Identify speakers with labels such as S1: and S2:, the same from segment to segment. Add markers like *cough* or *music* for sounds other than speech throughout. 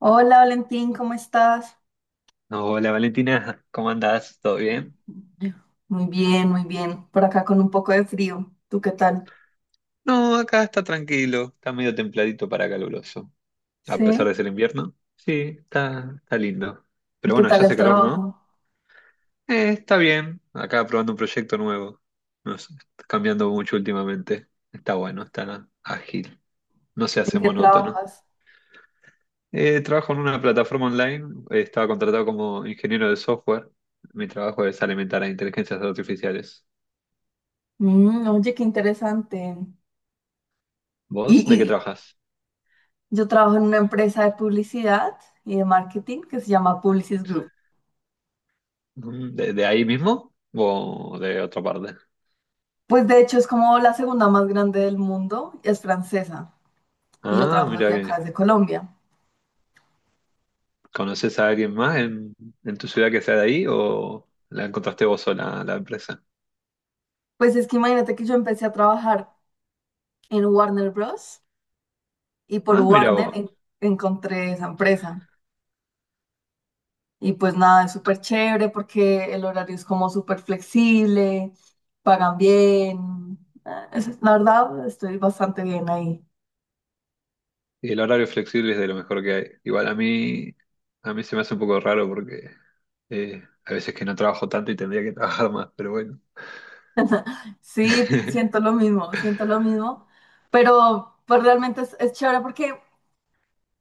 S1: Hola Valentín, ¿cómo estás?
S2: Hola Valentina, *laughs* ¿cómo andás? ¿Todo bien?
S1: Muy bien, muy bien. Por acá con un poco de frío. ¿Tú qué tal?
S2: No, acá está tranquilo, está medio templadito para caluroso. A pesar
S1: ¿Sí?
S2: de ser invierno, sí, está lindo.
S1: ¿Y
S2: Pero
S1: qué
S2: bueno, ya
S1: tal
S2: hace
S1: el
S2: calor, ¿no?
S1: trabajo?
S2: Está bien, acá probando un proyecto nuevo. No sé, está cambiando mucho últimamente. Está bueno, está ágil, no se
S1: ¿En
S2: hace
S1: qué
S2: monótono.
S1: trabajas?
S2: Trabajo en una plataforma online, estaba contratado como ingeniero de software. Mi trabajo es alimentar a inteligencias artificiales.
S1: Mm, oye, qué interesante. Y,
S2: ¿Vos de qué
S1: y
S2: trabajas?
S1: yo trabajo en una empresa de publicidad y de marketing que se llama Publicis Group.
S2: ¿De ahí mismo o de otra parte?
S1: Pues de hecho es como la segunda más grande del mundo, es francesa. Y yo
S2: Ah,
S1: trabajo
S2: mira
S1: desde
S2: que.
S1: acá, desde Colombia.
S2: ¿Conoces a alguien más en, tu ciudad que sea de ahí o la encontraste vos sola, la empresa?
S1: Pues es que imagínate que yo empecé a trabajar en Warner Bros. Y por
S2: Ah, mira
S1: Warner
S2: vos.
S1: encontré esa empresa. Y pues nada, es súper chévere porque el horario es como súper flexible, pagan bien. Ah, la verdad, estoy bastante bien ahí.
S2: Y el horario flexible es de lo mejor que hay. Igual a mí se me hace un poco raro porque a veces que no trabajo tanto y tendría que trabajar más, pero bueno.
S1: Sí,
S2: *laughs*
S1: siento lo mismo, pero pues realmente es chévere porque,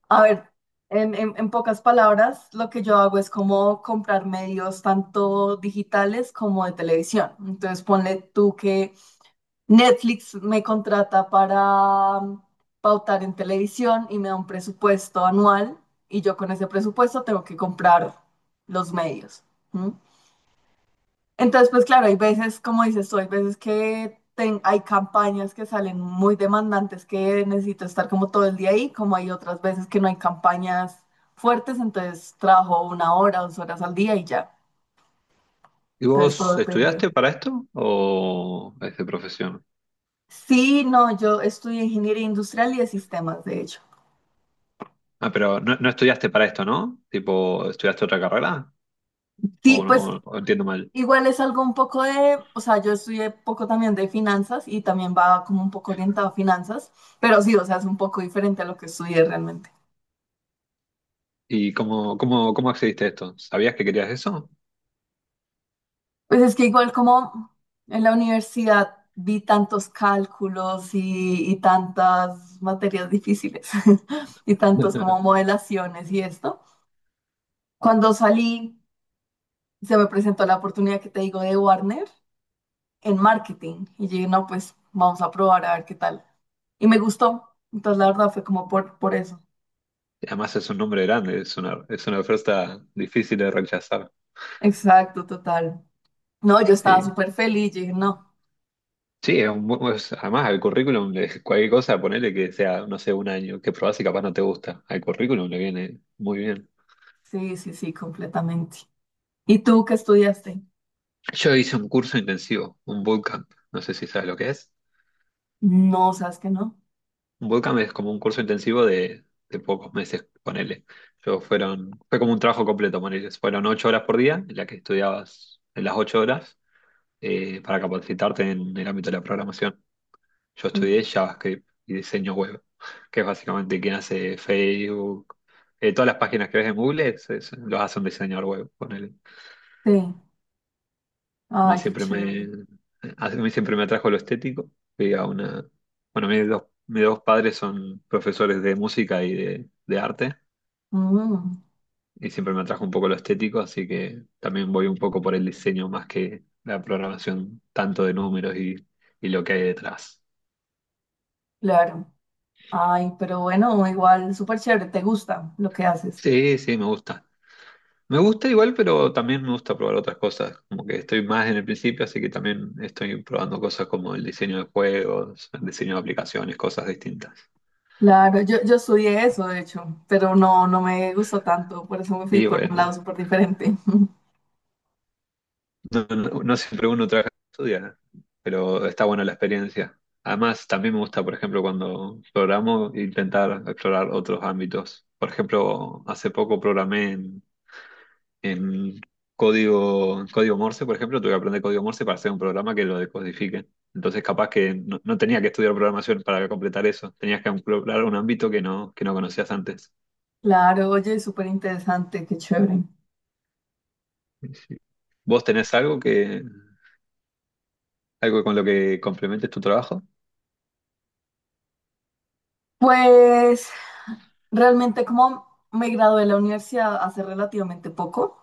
S1: a ver, en pocas palabras, lo que yo hago es como comprar medios tanto digitales como de televisión. Entonces ponle tú que Netflix me contrata para pautar en televisión y me da un presupuesto anual y yo con ese presupuesto tengo que comprar los medios. ¿M? Entonces, pues claro, hay veces, como dices tú, hay veces que hay campañas que salen muy demandantes que necesito estar como todo el día ahí, como hay otras veces que no hay campañas fuertes, entonces trabajo 1 hora, 2 horas al día y ya.
S2: ¿Y
S1: Entonces todo
S2: vos
S1: depende.
S2: estudiaste para esto o es de profesión?
S1: Sí, no, yo estudié ingeniería industrial y de sistemas, de hecho.
S2: Ah, pero no, no estudiaste para esto, ¿no? Tipo, ¿estudiaste otra carrera?
S1: Sí,
S2: ¿O, no,
S1: pues
S2: o entiendo mal?
S1: igual es algo un poco o sea, yo estudié poco también de finanzas y también va como un poco orientado a finanzas, pero sí, o sea, es un poco diferente a lo que estudié realmente.
S2: ¿Y cómo accediste a esto? ¿Sabías que querías eso?
S1: Pues es que igual como en la universidad vi tantos cálculos y tantas materias difíciles *laughs* y tantos como
S2: *laughs*
S1: modelaciones y esto. Cuando salí, se me presentó la oportunidad que te digo de Warner en marketing y dije, no, pues vamos a probar a ver qué tal. Y me gustó. Entonces, la verdad fue como por eso.
S2: Además es un nombre grande, es una oferta difícil de rechazar.
S1: Exacto, total. No, yo estaba
S2: Sí,
S1: súper feliz, yo dije, no,
S2: sí, es un, bu- es- además al currículum, cualquier cosa, ponele que sea, no sé, un año, que probás y capaz no te gusta. Al currículum le viene muy bien.
S1: sí, sí, sí, completamente. ¿Y tú qué estudiaste?
S2: Yo hice un curso intensivo, un bootcamp, no sé si sabes lo que es.
S1: No, ¿sabes que no?
S2: Un bootcamp es como un curso intensivo de pocos meses, ponele. Fue como un trabajo completo, ponele. Fueron 8 horas por día, en la que estudiabas en las 8 horas. Para capacitarte en el ámbito de la programación. Yo estudié
S1: No.
S2: JavaScript y diseño web, *laughs* que es básicamente quien hace Facebook. Todas las páginas que ves en Google los hace un diseñador web, ponele.
S1: Sí,
S2: A mí
S1: ay, qué
S2: siempre
S1: chévere.
S2: me, a mí siempre me atrajo lo estético. Fui a una, bueno, mis dos padres son profesores de música y de arte,
S1: Mm,
S2: y siempre me atrajo un poco lo estético, así que también voy un poco por el diseño más que la programación, tanto de números y lo que hay detrás.
S1: claro, ay, pero bueno, igual, súper chévere, te gusta lo que haces.
S2: Sí, sí, me gusta. Me gusta igual, pero también me gusta probar otras cosas. Como que estoy más en el principio, así que también estoy probando cosas como el diseño de juegos, el diseño de aplicaciones, cosas distintas.
S1: Claro, yo estudié eso, de hecho, pero no, no me gustó tanto, por eso me fui
S2: Y
S1: por un
S2: bueno,
S1: lado súper diferente. *laughs*
S2: no, no siempre uno trabaja y estudia, pero está buena la experiencia. Además, también me gusta, por ejemplo, cuando programo, intentar explorar otros ámbitos. Por ejemplo, hace poco programé En en código Morse, por ejemplo, tuve que aprender código Morse para hacer un programa que lo decodifique. Entonces, capaz que no tenía que estudiar programación para completar eso. Tenías que explorar un ámbito que no conocías antes.
S1: Claro, oye, súper interesante, qué chévere.
S2: ¿Vos tenés algo con lo que complementes tu trabajo?
S1: Pues... realmente como me gradué de la universidad hace relativamente poco,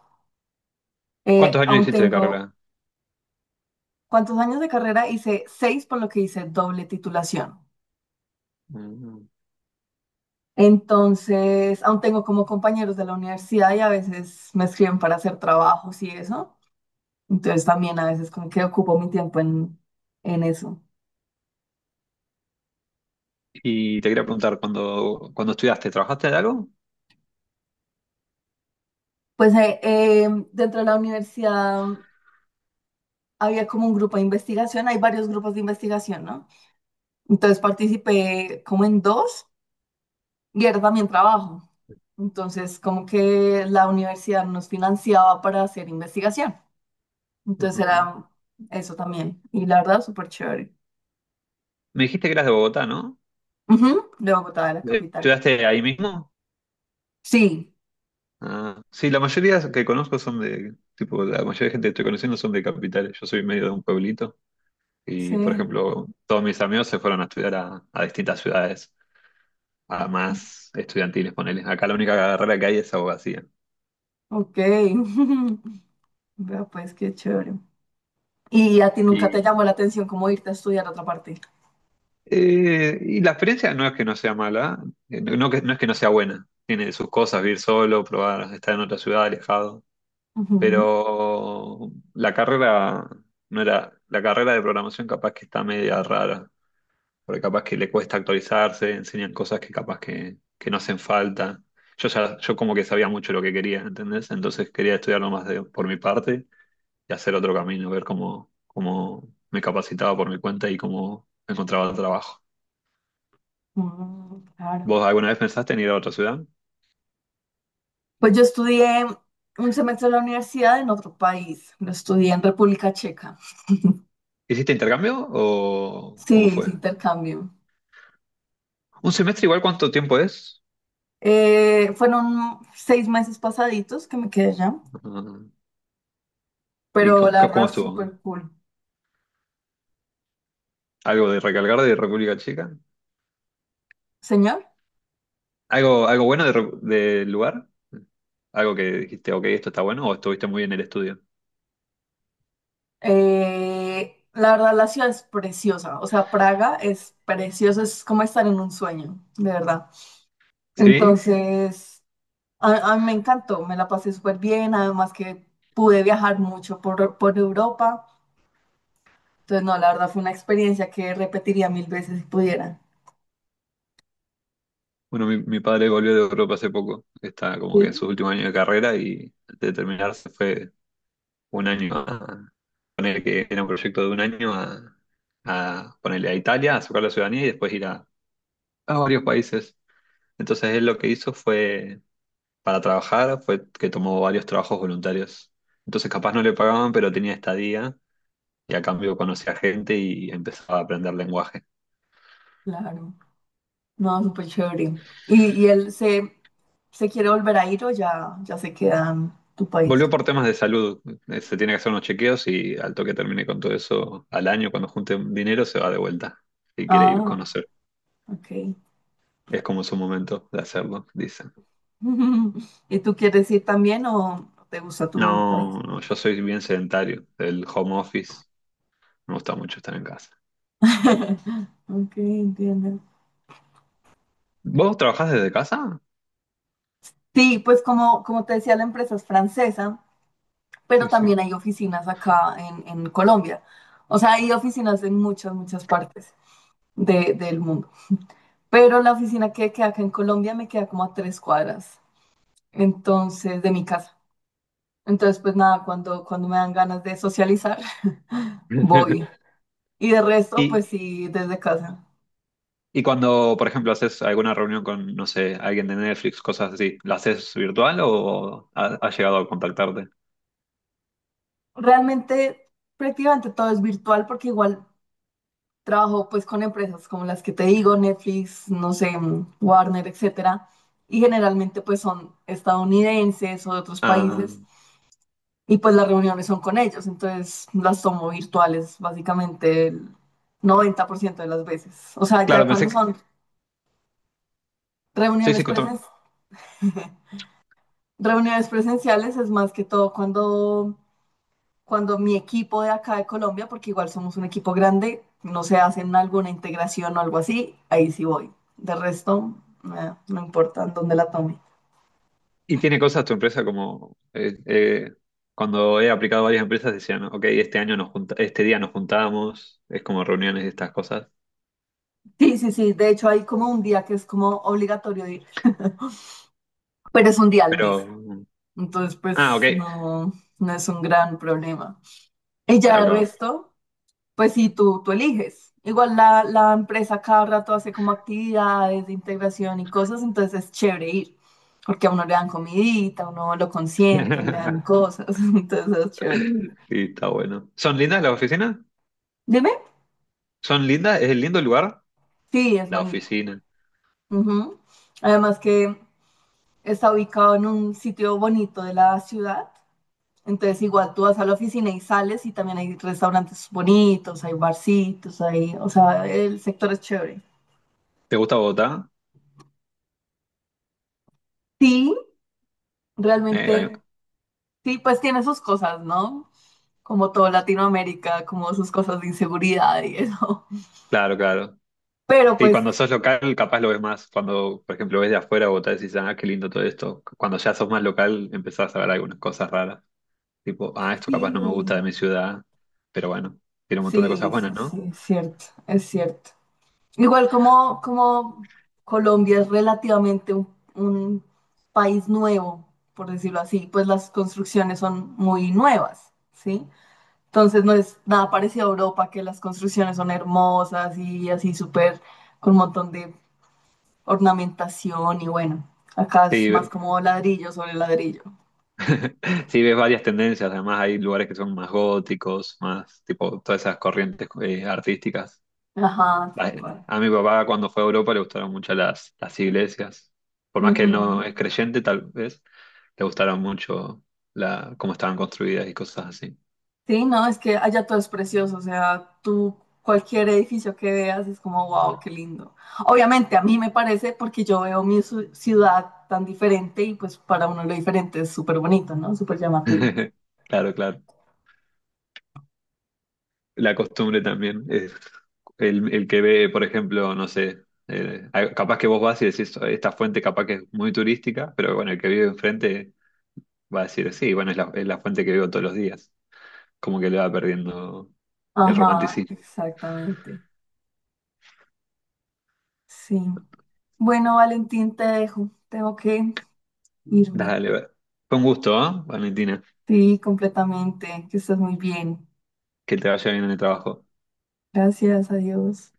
S2: ¿Cuántos años
S1: aún
S2: hiciste de
S1: tengo
S2: carrera?
S1: cuántos años de carrera, hice seis, por lo que hice doble titulación.
S2: Mm.
S1: Entonces, aún tengo como compañeros de la universidad y a veces me escriben para hacer trabajos y eso. Entonces, también a veces como que ocupo mi tiempo en, eso.
S2: Y te quería preguntar, cuando, estudiaste, ¿trabajaste de algo?
S1: Pues dentro de la universidad había como un grupo de investigación, hay varios grupos de investigación, ¿no? Entonces participé como en dos. Y era también trabajo. Entonces, como que la universidad nos financiaba para hacer investigación.
S2: Ujú,
S1: Entonces
S2: ujú.
S1: era eso también. Y la verdad, súper chévere.
S2: Me dijiste que eras de Bogotá, ¿no?
S1: Ujú, de Bogotá, de la capital.
S2: ¿Estudiaste ahí mismo?
S1: Sí,
S2: Ah, sí, la mayoría que conozco son de, tipo, la mayoría de gente que estoy conociendo son de capitales. Yo soy medio de un pueblito y, por
S1: sí,
S2: ejemplo, todos mis amigos se fueron a estudiar a distintas ciudades, a más estudiantiles, ponele. Acá la única carrera que hay es abogacía.
S1: ok. *laughs* Vea, pues qué chévere. ¿Y a ti nunca te
S2: Y,
S1: llamó la atención cómo irte a estudiar a otra parte?
S2: y la experiencia no es que no sea mala, no, no es que no sea buena. Tiene sus cosas, vivir solo, probar, estar en otra ciudad, alejado. Pero la carrera no era, la carrera de programación capaz que está media rara, porque capaz que le cuesta actualizarse, enseñan cosas que capaz que no hacen falta. Yo como que sabía mucho lo que quería, ¿entendés? Entonces quería estudiarlo más por mi parte y hacer otro camino, ver cómo me capacitaba por mi cuenta y cómo encontraba trabajo.
S1: Ujú, mm, claro.
S2: ¿Vos alguna vez pensaste en ir a otra ciudad?
S1: Pues yo estudié un semestre en la universidad en otro país. Lo estudié en República Checa.
S2: ¿Hiciste intercambio o
S1: Sí,
S2: cómo
S1: es
S2: fue?
S1: intercambio.
S2: ¿Un semestre igual cuánto tiempo es?
S1: Fueron 6 meses pasaditos que me quedé allá,
S2: Ah, ¿Y
S1: pero
S2: cómo,
S1: la
S2: cómo
S1: verdad
S2: estuvo?
S1: súper cool.
S2: ¿Algo de recalcar de República Checa?
S1: Señor,
S2: ¿Algo bueno de del lugar? ¿Algo que dijiste, ok, esto está bueno o estuviste muy bien en el estudio?
S1: la verdad la ciudad es preciosa, o sea, Praga es preciosa, es como estar en un sueño, de verdad.
S2: Sí,
S1: Entonces, a mí me encantó, me la pasé súper bien, además que pude viajar mucho por Europa, entonces no, la verdad fue una experiencia que repetiría mil veces si pudiera.
S2: bueno, mi padre volvió de Europa hace poco. Está como que en
S1: Sí,
S2: su último año de carrera y antes de terminar se fue un año a poner que era un proyecto de un año a, ponerle a Italia, a sacar la ciudadanía y después ir a varios países. Entonces él lo que hizo fue, para trabajar, fue que tomó varios trabajos voluntarios. Entonces capaz no le pagaban, pero tenía estadía y a cambio conocía gente y empezaba a aprender lenguaje.
S1: claro. No, súper chévere. ¿Y él se quiere volver a ir o ya, ya se queda en tu
S2: Volvió
S1: país?
S2: por temas de salud, se tiene que hacer unos chequeos y al toque termine con todo eso al año, cuando junte dinero se va de vuelta y quiere ir a
S1: Ah,
S2: conocer.
S1: ok.
S2: Es como su momento de hacerlo, dicen.
S1: *laughs* ¿Y tú quieres ir también o te gusta tu país?
S2: No, no, yo soy bien sedentario, del home office, me gusta mucho estar en casa.
S1: *laughs* Ok, entiendo.
S2: ¿Vos trabajás desde casa?
S1: Sí, pues como te decía, la empresa es francesa, pero
S2: Sí,
S1: también
S2: sí.
S1: hay oficinas acá en, Colombia. O sea, hay oficinas en muchas, muchas partes del mundo. Pero la oficina que queda acá en Colombia me queda como a 3 cuadras, entonces, de mi casa. Entonces, pues nada, cuando me dan ganas de socializar, *laughs* voy.
S2: *laughs*
S1: Y de resto,
S2: Y,
S1: pues sí, desde casa.
S2: y cuando, por ejemplo, haces alguna reunión con, no sé, alguien de Netflix, cosas así, ¿la haces virtual o has llegado a contactarte?
S1: Realmente, prácticamente todo es virtual porque igual trabajo pues con empresas como las que te digo, Netflix, no sé, Warner, etcétera. Y generalmente pues son estadounidenses o de otros
S2: Ah.
S1: países y pues las reuniones son con ellos. Entonces las tomo virtuales básicamente el 90% de las veces. O sea, ya
S2: Claro, pensé
S1: cuando
S2: que
S1: son
S2: soy
S1: reuniones
S2: psicólogo.
S1: presenciales. *laughs* Reuniones presenciales es más que todo cuando mi equipo de acá de Colombia, porque igual somos un equipo grande, no se hacen alguna integración o algo así, ahí sí voy. De resto, no importa en dónde la tome.
S2: ¿Y tiene cosas tu empresa como cuando he aplicado a varias empresas decían, ok, este año nos junta, este día nos juntamos, es como reuniones y estas cosas.
S1: Sí, sí, sí, de hecho hay como un día que es como obligatorio ir, pero es un día al mes.
S2: Pero, mm,
S1: Entonces,
S2: ah, ok,
S1: pues no, no es un gran problema. Y ya
S2: claro,
S1: de
S2: claro.
S1: resto. Pues sí, tú eliges. Igual la empresa cada rato hace como actividades de integración y cosas, entonces es chévere ir, porque a uno le dan comidita, a uno lo consienten, le dan
S2: *laughs*
S1: cosas, *laughs* entonces es chévere.
S2: Sí, está bueno. ¿Son lindas las oficinas?
S1: Dime,
S2: ¿Son lindas? ¿Es el lindo el lugar?
S1: sí, es
S2: La
S1: bonito.
S2: oficina.
S1: Ujú. Además que está ubicado en un sitio bonito de la ciudad, entonces igual tú vas a la oficina y sales y también hay restaurantes bonitos, hay barcitos, o sea, el sector es chévere.
S2: ¿Te gusta Bogotá?
S1: Sí,
S2: Eh, ahí-
S1: realmente. Sí, pues tiene sus cosas, ¿no? Como todo Latinoamérica, como sus cosas de inseguridad y eso.
S2: claro, claro.
S1: *laughs* Pero
S2: Sí,
S1: pues
S2: cuando sos local capaz lo ves más. Cuando, por ejemplo, ves de afuera Bogotá decís, ah, qué lindo todo esto. Cuando ya sos más local empezás a ver algunas cosas raras. Tipo, ah, esto
S1: sí,
S2: capaz no me gusta de mi ciudad, pero bueno, tiene un montón de cosas
S1: sí, sí,
S2: buenas, ¿no?
S1: sí, es cierto, es cierto. Igual como Colombia es relativamente un, país nuevo, por decirlo así, pues las construcciones son muy nuevas, ¿sí? Entonces no es nada parecido a Europa, que las construcciones son hermosas y así súper, con un montón de ornamentación y bueno, acá es
S2: Sí,
S1: más como ladrillo sobre ladrillo.
S2: *laughs* sí ves varias tendencias, además hay lugares que son más góticos, más tipo todas esas corrientes artísticas.
S1: Ajá, tal
S2: La-
S1: cual.
S2: A mi papá cuando fue a Europa le gustaron mucho las, iglesias, por más que
S1: Ujú.
S2: él no es creyente tal vez, le gustaron mucho cómo estaban construidas y cosas así.
S1: Sí, no, es que allá todo es precioso, o sea, tú cualquier edificio que veas es como, wow, qué lindo. Obviamente a mí me parece porque yo veo mi ciudad tan diferente y pues para uno lo diferente es súper bonito, ¿no? Súper llamativo.
S2: *laughs* Claro, claro. La costumbre también. Es el que ve, por ejemplo, no sé, capaz que vos vas y decís, esta fuente capaz que es muy turística, pero bueno, el que vive enfrente va a decir, sí, bueno, es la, fuente que veo todos los días. Como que le va perdiendo el
S1: Ajá,
S2: romanticismo.
S1: exactamente. Sí. Bueno, Valentín, te dejo. Tengo que irme.
S2: Dale, va. Fue un gusto, ¿ah, Valentina?
S1: Sí, completamente. Que estés muy bien.
S2: Que te vaya bien en el trabajo.
S1: Gracias a Dios.